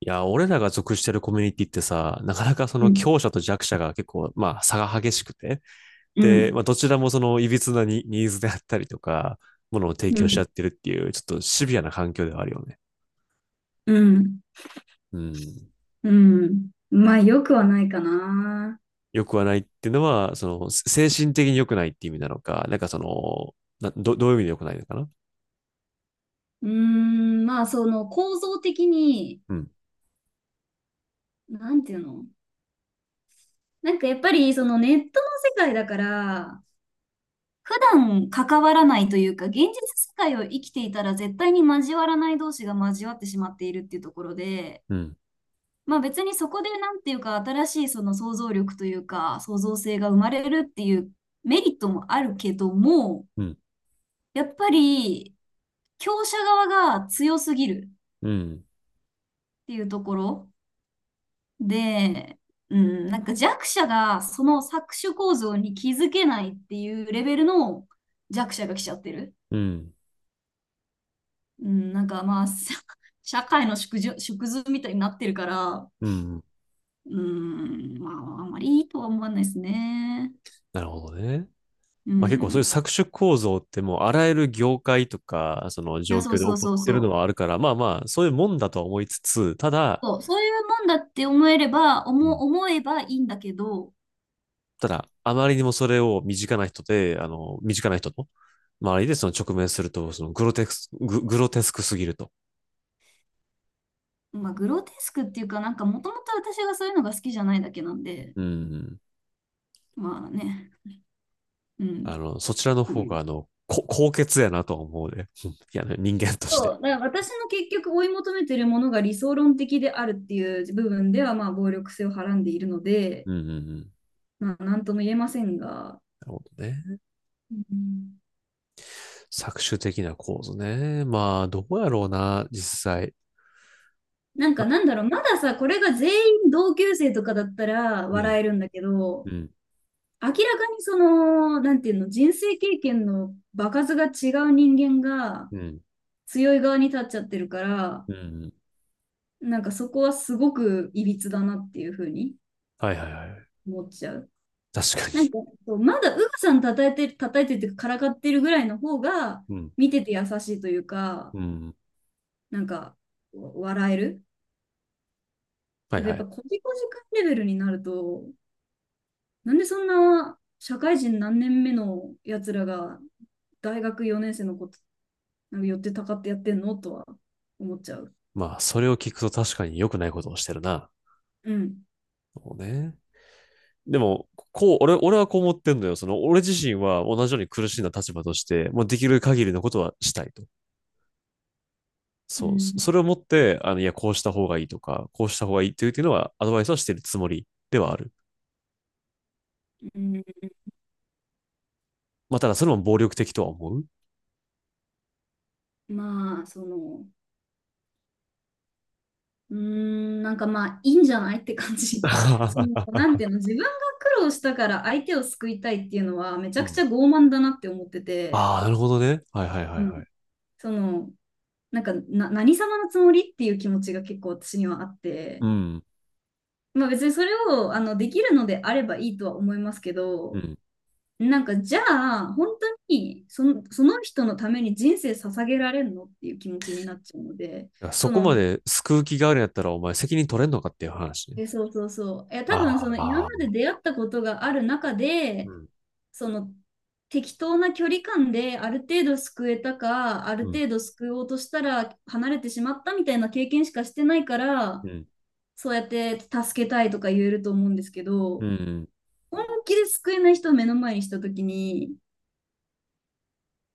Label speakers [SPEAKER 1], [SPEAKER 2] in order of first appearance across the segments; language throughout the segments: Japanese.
[SPEAKER 1] いや、俺らが属してるコミュニティってさ、なかなかそ
[SPEAKER 2] う
[SPEAKER 1] の
[SPEAKER 2] ん、
[SPEAKER 1] 強者と弱者が結構、まあ差が激しくて、
[SPEAKER 2] う
[SPEAKER 1] で、
[SPEAKER 2] ん、
[SPEAKER 1] まあどちらもその歪なニニーズであったりとか、ものを提
[SPEAKER 2] う
[SPEAKER 1] 供し
[SPEAKER 2] ん、
[SPEAKER 1] 合ってるっていう、ちょっとシビアな環境ではあるよね。
[SPEAKER 2] うん、
[SPEAKER 1] うん。
[SPEAKER 2] うん。まあ、よくはないかな。
[SPEAKER 1] 良くはないっていうのは、その精神的に良くないって意味なのか、なんかその、どういう意味で良くないのかな。
[SPEAKER 2] まあ、その構造的に、
[SPEAKER 1] うん、
[SPEAKER 2] なんていうのやっぱり、そのネットの世界だから、普段関わらないというか、現実世界を生きていたら絶対に交わらない同士が交わってしまっているっていうところで、
[SPEAKER 1] うん、
[SPEAKER 2] まあ別にそこでなんていうか、新しいその想像力というか、創造性が生まれるっていうメリットもあるけども、
[SPEAKER 1] うん、
[SPEAKER 2] やっぱり、強者側が強すぎる
[SPEAKER 1] うん、
[SPEAKER 2] っていうところで、うん、なんか弱者がその搾取構造に気づけないっていうレベルの弱者が来ちゃってる。
[SPEAKER 1] うん、
[SPEAKER 2] うん、社会の縮図みたいになってるから、
[SPEAKER 1] うん。
[SPEAKER 2] うん、まあ、あんまりいいとは思わないですね。
[SPEAKER 1] なるほどね。
[SPEAKER 2] う
[SPEAKER 1] まあ、結構そういう
[SPEAKER 2] ん。
[SPEAKER 1] 搾取構造ってもうあらゆる業界とか、その
[SPEAKER 2] いや、
[SPEAKER 1] 状
[SPEAKER 2] そ
[SPEAKER 1] 況
[SPEAKER 2] う
[SPEAKER 1] で起
[SPEAKER 2] そう
[SPEAKER 1] こっ
[SPEAKER 2] そう
[SPEAKER 1] てる
[SPEAKER 2] そ
[SPEAKER 1] の
[SPEAKER 2] う。
[SPEAKER 1] はあるから、まあまあ、そういうもんだとは思いつつ、ただ、
[SPEAKER 2] そう、そういうもんだって思えれば、
[SPEAKER 1] う
[SPEAKER 2] 思
[SPEAKER 1] ん、
[SPEAKER 2] 思えばいいんだけど、
[SPEAKER 1] ただ、あまりにもそれを身近な人と周りでその直面すると、そのグロテスクすぎると。
[SPEAKER 2] まあ、グロテスクっていうか、なんかもともと私がそういうのが好きじゃないだけなんで、
[SPEAKER 1] うん。
[SPEAKER 2] まあね。うん。っ
[SPEAKER 1] そちらの
[SPEAKER 2] て
[SPEAKER 1] 方
[SPEAKER 2] い
[SPEAKER 1] が、
[SPEAKER 2] う。
[SPEAKER 1] 高潔やなとは思うね。うん いやね、人間とし
[SPEAKER 2] そ
[SPEAKER 1] て。
[SPEAKER 2] う、だから私の結局追い求めてるものが理想論的であるっていう部分では、まあ、暴力性をはらんでいるので、
[SPEAKER 1] うんうんうん。な
[SPEAKER 2] まあ、なんとも言えませんが、
[SPEAKER 1] るほどね。
[SPEAKER 2] うん、
[SPEAKER 1] 搾取的な構図ね。まあ、どうやろうな、実際。ま、
[SPEAKER 2] まださ、これが全員同級生とかだったら
[SPEAKER 1] うん、
[SPEAKER 2] 笑えるんだけ
[SPEAKER 1] う
[SPEAKER 2] ど、
[SPEAKER 1] ん。
[SPEAKER 2] 明らかにその、なんていうの、人生経験の場数が違う人間が
[SPEAKER 1] うん。
[SPEAKER 2] 強い側に立っちゃってるから、
[SPEAKER 1] うん。
[SPEAKER 2] なんかそこはすごくいびつだなっていうふうに
[SPEAKER 1] はいはいはい。
[SPEAKER 2] 思っちゃう。
[SPEAKER 1] 確か
[SPEAKER 2] なん
[SPEAKER 1] に。
[SPEAKER 2] か、そうまだウグさん叩いてるっていうか、からかってるぐらいの方が、
[SPEAKER 1] うん。
[SPEAKER 2] 見てて優しいというか、
[SPEAKER 1] うん。
[SPEAKER 2] なんか、笑える。
[SPEAKER 1] はい
[SPEAKER 2] けど、
[SPEAKER 1] は
[SPEAKER 2] やっぱ、
[SPEAKER 1] い。
[SPEAKER 2] コジコジ君レベルになると、なんでそんな、社会人何年目のやつらが、大学4年生のこと、なんか寄ってたかってやってんのとは思っちゃう。
[SPEAKER 1] まあ、それを聞くと確かに良くないことをしてるな。
[SPEAKER 2] うん。
[SPEAKER 1] そうね。でも、こう、俺はこう思ってんのよ。その、俺自身は同じように苦しんだ立場として、もうできる限りのことはしたいと。
[SPEAKER 2] う
[SPEAKER 1] そう。そ
[SPEAKER 2] ん。
[SPEAKER 1] それをもって、あの、いや、こうした方がいいとか、こうした方がいいっていうのは、アドバイスはしてるつもりではある。
[SPEAKER 2] うん、
[SPEAKER 1] まあ、ただ、それも暴力的とは思う。
[SPEAKER 2] まあ、その、いいんじゃないって感じ。その、なんていうの、自分が苦労したから相手を救いたいっていうのは、めち
[SPEAKER 1] う
[SPEAKER 2] ゃくち
[SPEAKER 1] ん。
[SPEAKER 2] ゃ傲慢だなって思ってて、
[SPEAKER 1] ああ、なるほどね。はいはいはい
[SPEAKER 2] うん、
[SPEAKER 1] はい。
[SPEAKER 2] その、なんかな、何様のつもりっていう気持ちが結構私にはあっ
[SPEAKER 1] う
[SPEAKER 2] て、
[SPEAKER 1] ん。
[SPEAKER 2] まあ別にそれをできるのであればいいとは思いますけ
[SPEAKER 1] う
[SPEAKER 2] ど、
[SPEAKER 1] ん。
[SPEAKER 2] なんかじゃあ、本当にその、その人のために人生捧げられるのっていう気持ちになっちゃうので、
[SPEAKER 1] いやそ
[SPEAKER 2] そ
[SPEAKER 1] こま
[SPEAKER 2] の、
[SPEAKER 1] で救う気があるんやったら、お前責任取れんのかっていう話ね。
[SPEAKER 2] え、そうそうそう。え、多分その今ま
[SPEAKER 1] あ
[SPEAKER 2] で
[SPEAKER 1] あ、
[SPEAKER 2] 出会ったことがある中
[SPEAKER 1] う
[SPEAKER 2] で、
[SPEAKER 1] ん、
[SPEAKER 2] その適当な距離感である程度救えたか、ある
[SPEAKER 1] うん、
[SPEAKER 2] 程度救おうとしたら離れてしまったみたいな経験しかしてないから、
[SPEAKER 1] うん、
[SPEAKER 2] そうやって助けたいとか言えると思うんですけ
[SPEAKER 1] うん
[SPEAKER 2] ど、
[SPEAKER 1] うん。
[SPEAKER 2] 本気で救えない人を目の前にした時に、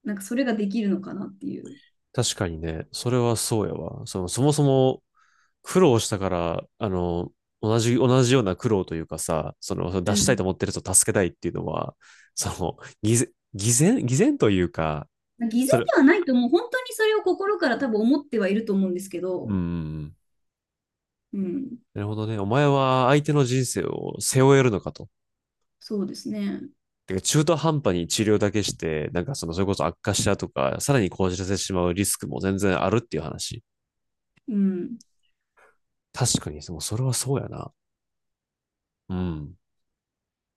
[SPEAKER 2] なんかそれができるのかなっていう。
[SPEAKER 1] 確かにね、それはそうやわ。その、そもそも苦労したから、あの、同じような苦労というかさ、その出
[SPEAKER 2] う
[SPEAKER 1] したいと
[SPEAKER 2] ん。
[SPEAKER 1] 思ってる人を助けたいっていうのは、その、偽善というか、
[SPEAKER 2] 偽
[SPEAKER 1] そ
[SPEAKER 2] 善
[SPEAKER 1] れ、
[SPEAKER 2] ではないと思う。本当にそれを心から多分思ってはいると思うんですけ
[SPEAKER 1] う
[SPEAKER 2] ど、
[SPEAKER 1] ん、
[SPEAKER 2] うん。
[SPEAKER 1] なるほどね。お前は相手の人生を背負えるのかと。
[SPEAKER 2] そうですね。
[SPEAKER 1] てか中途半端に治療だけして、なんかその、それこそ悪化したとか、さらに講じらせてしまうリスクも全然あるっていう話。
[SPEAKER 2] うん。
[SPEAKER 1] 確かに、それはそうやな。うん。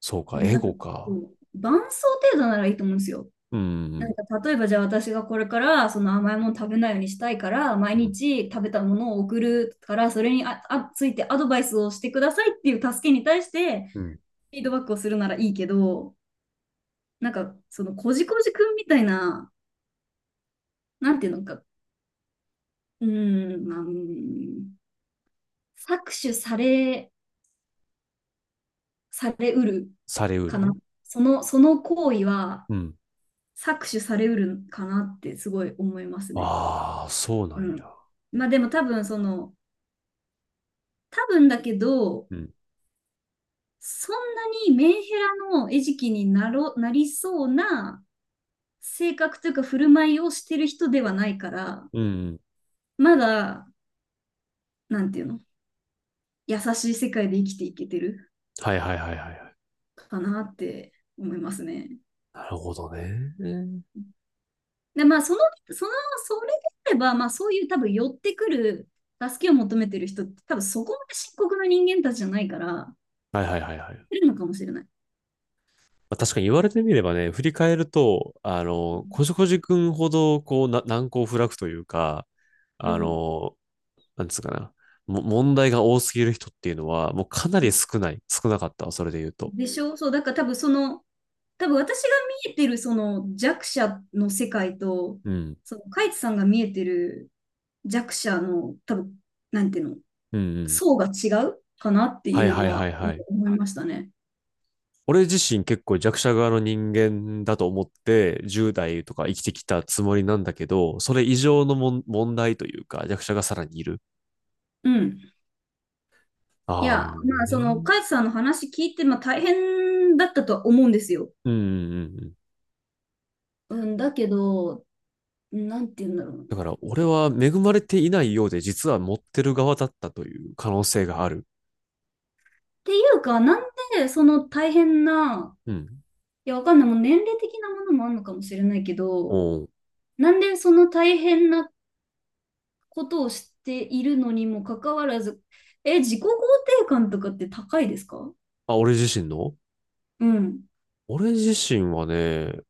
[SPEAKER 1] そう
[SPEAKER 2] う
[SPEAKER 1] か、
[SPEAKER 2] ん、
[SPEAKER 1] エ
[SPEAKER 2] なんか
[SPEAKER 1] ゴか。
[SPEAKER 2] こう、伴奏程度ならいいと思うんですよ。
[SPEAKER 1] う
[SPEAKER 2] なん
[SPEAKER 1] ん。
[SPEAKER 2] か例えばじゃあ私がこれからその甘いもの食べないようにしたいから毎
[SPEAKER 1] うん。
[SPEAKER 2] 日食べたものを送るからそれについてアドバイスをしてくださいっていう助けに対して
[SPEAKER 1] うん。
[SPEAKER 2] フィードバックをするならいいけどなんかそのこじこじくんみたいななんていうのかーん、まあ、うーん搾取されされうる
[SPEAKER 1] されう
[SPEAKER 2] か
[SPEAKER 1] る
[SPEAKER 2] な
[SPEAKER 1] ね。
[SPEAKER 2] そのその行為は
[SPEAKER 1] うん。
[SPEAKER 2] 搾取されうるかなってすごい思いますね。
[SPEAKER 1] ああ、そうな
[SPEAKER 2] う
[SPEAKER 1] んや。
[SPEAKER 2] ん。まあでも多分その、多分だけど、
[SPEAKER 1] うん。
[SPEAKER 2] そんなにメンヘラの餌食になりそうな性格というか振る舞いをしてる人ではないから、
[SPEAKER 1] うん。
[SPEAKER 2] まだ、なんていうの、優しい世界で生きていけてる
[SPEAKER 1] はいはいはいはいはい。
[SPEAKER 2] かなって思いますね。
[SPEAKER 1] なるほどね。
[SPEAKER 2] で、まあその、その、それであれば、まあそういう多分寄ってくる助けを求めてる人って多分そこまで深刻な人間たちじゃないから、
[SPEAKER 1] はいはいはいはい。
[SPEAKER 2] いるのかもしれない。
[SPEAKER 1] まあ確かに言われてみればね、振り返ると、
[SPEAKER 2] うん。
[SPEAKER 1] こじこじくんほど、こう、難攻不落というか、
[SPEAKER 2] う
[SPEAKER 1] あ
[SPEAKER 2] ん
[SPEAKER 1] の、なんつうかな、も、問題が多すぎる人っていうのは、もうかなり少なかったわ、それで言うと。
[SPEAKER 2] でしょそう、だから多分その、多分私が見えてるその弱者の世界と、
[SPEAKER 1] うん。
[SPEAKER 2] そのカイツさんが見えてる弱者の多分、なんていうの、
[SPEAKER 1] うんうん。
[SPEAKER 2] 層が違うかなって
[SPEAKER 1] はい
[SPEAKER 2] いう
[SPEAKER 1] はい
[SPEAKER 2] の
[SPEAKER 1] は
[SPEAKER 2] は
[SPEAKER 1] いはい。
[SPEAKER 2] 思いましたね。
[SPEAKER 1] 俺自身結構弱者側の人間だと思って、10代とか生きてきたつもりなんだけど、それ以上の問題というか、弱者がさらにいる。
[SPEAKER 2] うん。い
[SPEAKER 1] ああ、
[SPEAKER 2] や、まあその
[SPEAKER 1] ね。
[SPEAKER 2] カイツさんの話聞いて、まあ大変だったとは思うんですよ。
[SPEAKER 1] うんうんうん。
[SPEAKER 2] うん、だけど、なんていうんだろうな。っ
[SPEAKER 1] だから俺は恵まれていないようで実は持ってる側だったという可能性がある。
[SPEAKER 2] ていうか、なんでその大変な、
[SPEAKER 1] うん。
[SPEAKER 2] いや、わかんない。もう年齢的なものもあるのかもしれないけ
[SPEAKER 1] お
[SPEAKER 2] ど、
[SPEAKER 1] う、
[SPEAKER 2] なんでその大変なことをしているのにもかかわらず、え、自己肯定感とかって高いですか？
[SPEAKER 1] あ、俺自身の
[SPEAKER 2] うん。
[SPEAKER 1] 俺自身はね、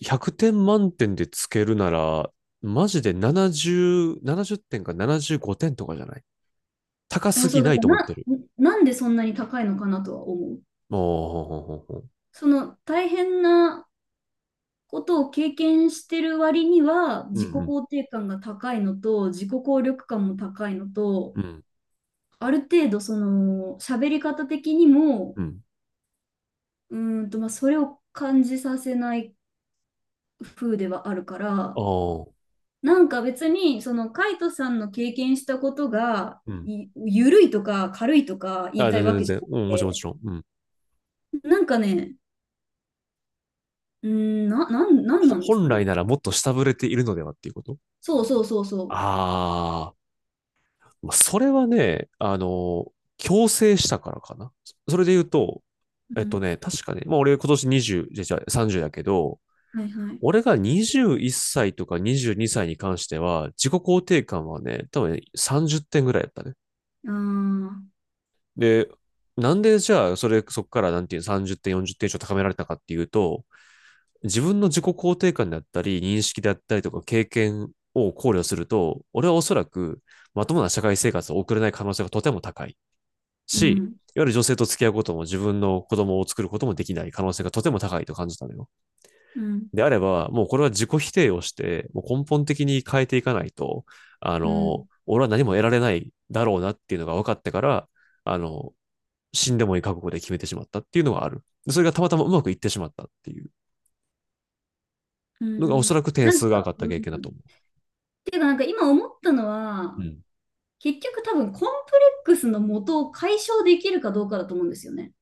[SPEAKER 1] 100点満点でつけるなら、マジで70点か75点とかじゃない？高
[SPEAKER 2] いや、
[SPEAKER 1] す
[SPEAKER 2] そう、
[SPEAKER 1] ぎ
[SPEAKER 2] だ
[SPEAKER 1] な
[SPEAKER 2] か
[SPEAKER 1] い
[SPEAKER 2] ら
[SPEAKER 1] と思って
[SPEAKER 2] な、
[SPEAKER 1] る。
[SPEAKER 2] なんでそんなに高いのかなとは思う。
[SPEAKER 1] おー、
[SPEAKER 2] その大変なことを経験してる割には、
[SPEAKER 1] うんう
[SPEAKER 2] 自己
[SPEAKER 1] ん、
[SPEAKER 2] 肯定感が高いのと、自己効力感も高いのと、
[SPEAKER 1] うん、
[SPEAKER 2] ある程度、その、喋り方的にも、
[SPEAKER 1] うん。
[SPEAKER 2] うーんと、まあ、それを感じさせない風ではあるから、
[SPEAKER 1] おー、
[SPEAKER 2] なんか別に、そのカイトさんの経験したことが、
[SPEAKER 1] うん。
[SPEAKER 2] 緩いとか軽いとか言い
[SPEAKER 1] あ、
[SPEAKER 2] た
[SPEAKER 1] 全
[SPEAKER 2] いわ
[SPEAKER 1] 然全
[SPEAKER 2] けじゃ
[SPEAKER 1] 然。
[SPEAKER 2] なく
[SPEAKER 1] うん、もちろんもち
[SPEAKER 2] て、
[SPEAKER 1] ろん。うん。
[SPEAKER 2] なんかね、なん
[SPEAKER 1] ほ
[SPEAKER 2] なんです
[SPEAKER 1] 本
[SPEAKER 2] かね。
[SPEAKER 1] 来ならもっと下振れているのではっていうこと。
[SPEAKER 2] そうそうそうそ
[SPEAKER 1] ああ。まあそれはね、強制したからかな。それで言うと、
[SPEAKER 2] う。うん。
[SPEAKER 1] 確かね、まあ俺今年20、じゃあさんじゃ30だけど、
[SPEAKER 2] はいはい。
[SPEAKER 1] 俺が21歳とか22歳にさいに関しては、自己肯定感はね、多分ね30点ぐらいだったね。
[SPEAKER 2] ああ、
[SPEAKER 1] で、なんでじゃあ、そこからなんていうの30点、40点以上高められたかっていうと、自分の自己肯定感だったり、認識だったりとか経験を考慮すると、俺はおそらくまともな社会生活を送れない可能性がとても高い。
[SPEAKER 2] う
[SPEAKER 1] し、
[SPEAKER 2] ん、
[SPEAKER 1] いわゆる女性と付き合うことも自分の子供を作ることもできない可能性がとても高いと感じたのよ。
[SPEAKER 2] うん、
[SPEAKER 1] であれば、もうこれは自己否定をして、もう根本的に変えていかないと、
[SPEAKER 2] うん、
[SPEAKER 1] 俺は何も得られないだろうなっていうのが分かってから、あの、死んでもいい覚悟で決めてしまったっていうのがある。それがたまたまうまくいってしまったっていう
[SPEAKER 2] う
[SPEAKER 1] のがお
[SPEAKER 2] ん。
[SPEAKER 1] そらく点
[SPEAKER 2] な
[SPEAKER 1] 数
[SPEAKER 2] ん
[SPEAKER 1] が上が
[SPEAKER 2] か、
[SPEAKER 1] った
[SPEAKER 2] う
[SPEAKER 1] 経
[SPEAKER 2] ん。
[SPEAKER 1] 験だと思
[SPEAKER 2] ていうか、なんか今思ったの
[SPEAKER 1] う。う
[SPEAKER 2] は、
[SPEAKER 1] ん。
[SPEAKER 2] 結局多分コンプレックスの元を解消できるかどうかだと思うんですよね。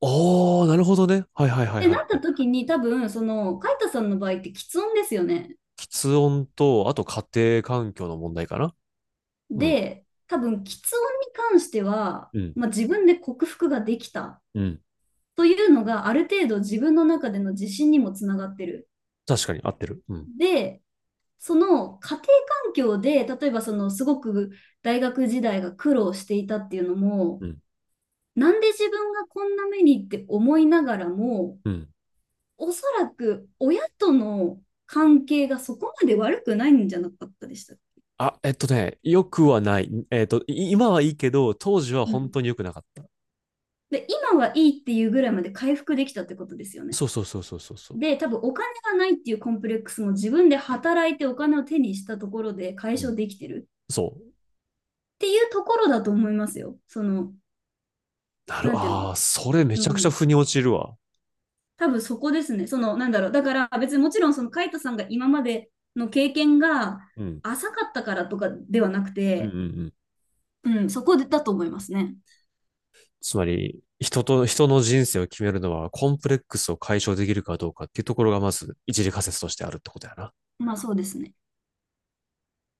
[SPEAKER 1] おー、なるほどね。はいはいはい
[SPEAKER 2] で、
[SPEAKER 1] はい、
[SPEAKER 2] なっ
[SPEAKER 1] は
[SPEAKER 2] た
[SPEAKER 1] い。
[SPEAKER 2] 時に多分、その、カイトさんの場合って喫音ですよね。
[SPEAKER 1] 喫音と、あと家庭環境の問題かな。うん。
[SPEAKER 2] で、多分、き音に関しては、
[SPEAKER 1] うん。
[SPEAKER 2] まあ、自分で克服ができた
[SPEAKER 1] うん。
[SPEAKER 2] というのが、ある程度自分の中での自信にもつながってる。
[SPEAKER 1] 確かに合ってる。うん。
[SPEAKER 2] で、その家庭環境で、例えばそのすごく大学時代が苦労していたっていうのも、
[SPEAKER 1] うん。
[SPEAKER 2] なんで自分がこんな目にって思いながらも、
[SPEAKER 1] うん。
[SPEAKER 2] おそらく親との関係がそこまで悪くないんじゃなかったでした。
[SPEAKER 1] あ、良くはない。今はいいけど、当時は
[SPEAKER 2] う
[SPEAKER 1] 本当
[SPEAKER 2] ん、
[SPEAKER 1] に良くなかった。
[SPEAKER 2] で、今はいいっていうぐらいまで回復できたってことですよね。
[SPEAKER 1] そうそうそうそうそうそう。
[SPEAKER 2] で、多分お金がないっていうコンプレックスも自分で働いてお金を手にしたところで解
[SPEAKER 1] うん。
[SPEAKER 2] 消できてる
[SPEAKER 1] そう。
[SPEAKER 2] っていうところだと思いますよ。その、なんていうの。
[SPEAKER 1] ああ、それめちゃ
[SPEAKER 2] う
[SPEAKER 1] くちゃ
[SPEAKER 2] ん。
[SPEAKER 1] 腑に落ちるわ。
[SPEAKER 2] 多分そこですね。その、なんだろう。だから別にもちろんそのカイトさんが今までの経験が
[SPEAKER 1] うん。
[SPEAKER 2] 浅かったからとかではなく
[SPEAKER 1] うん。うん
[SPEAKER 2] て、
[SPEAKER 1] うん。
[SPEAKER 2] うん、そこだと思いますね。
[SPEAKER 1] つまり、人の人生を決めるのは、コンプレックスを解消できるかどうかっていうところが、まず、一次仮説としてあるってことやな。
[SPEAKER 2] まあそうですね。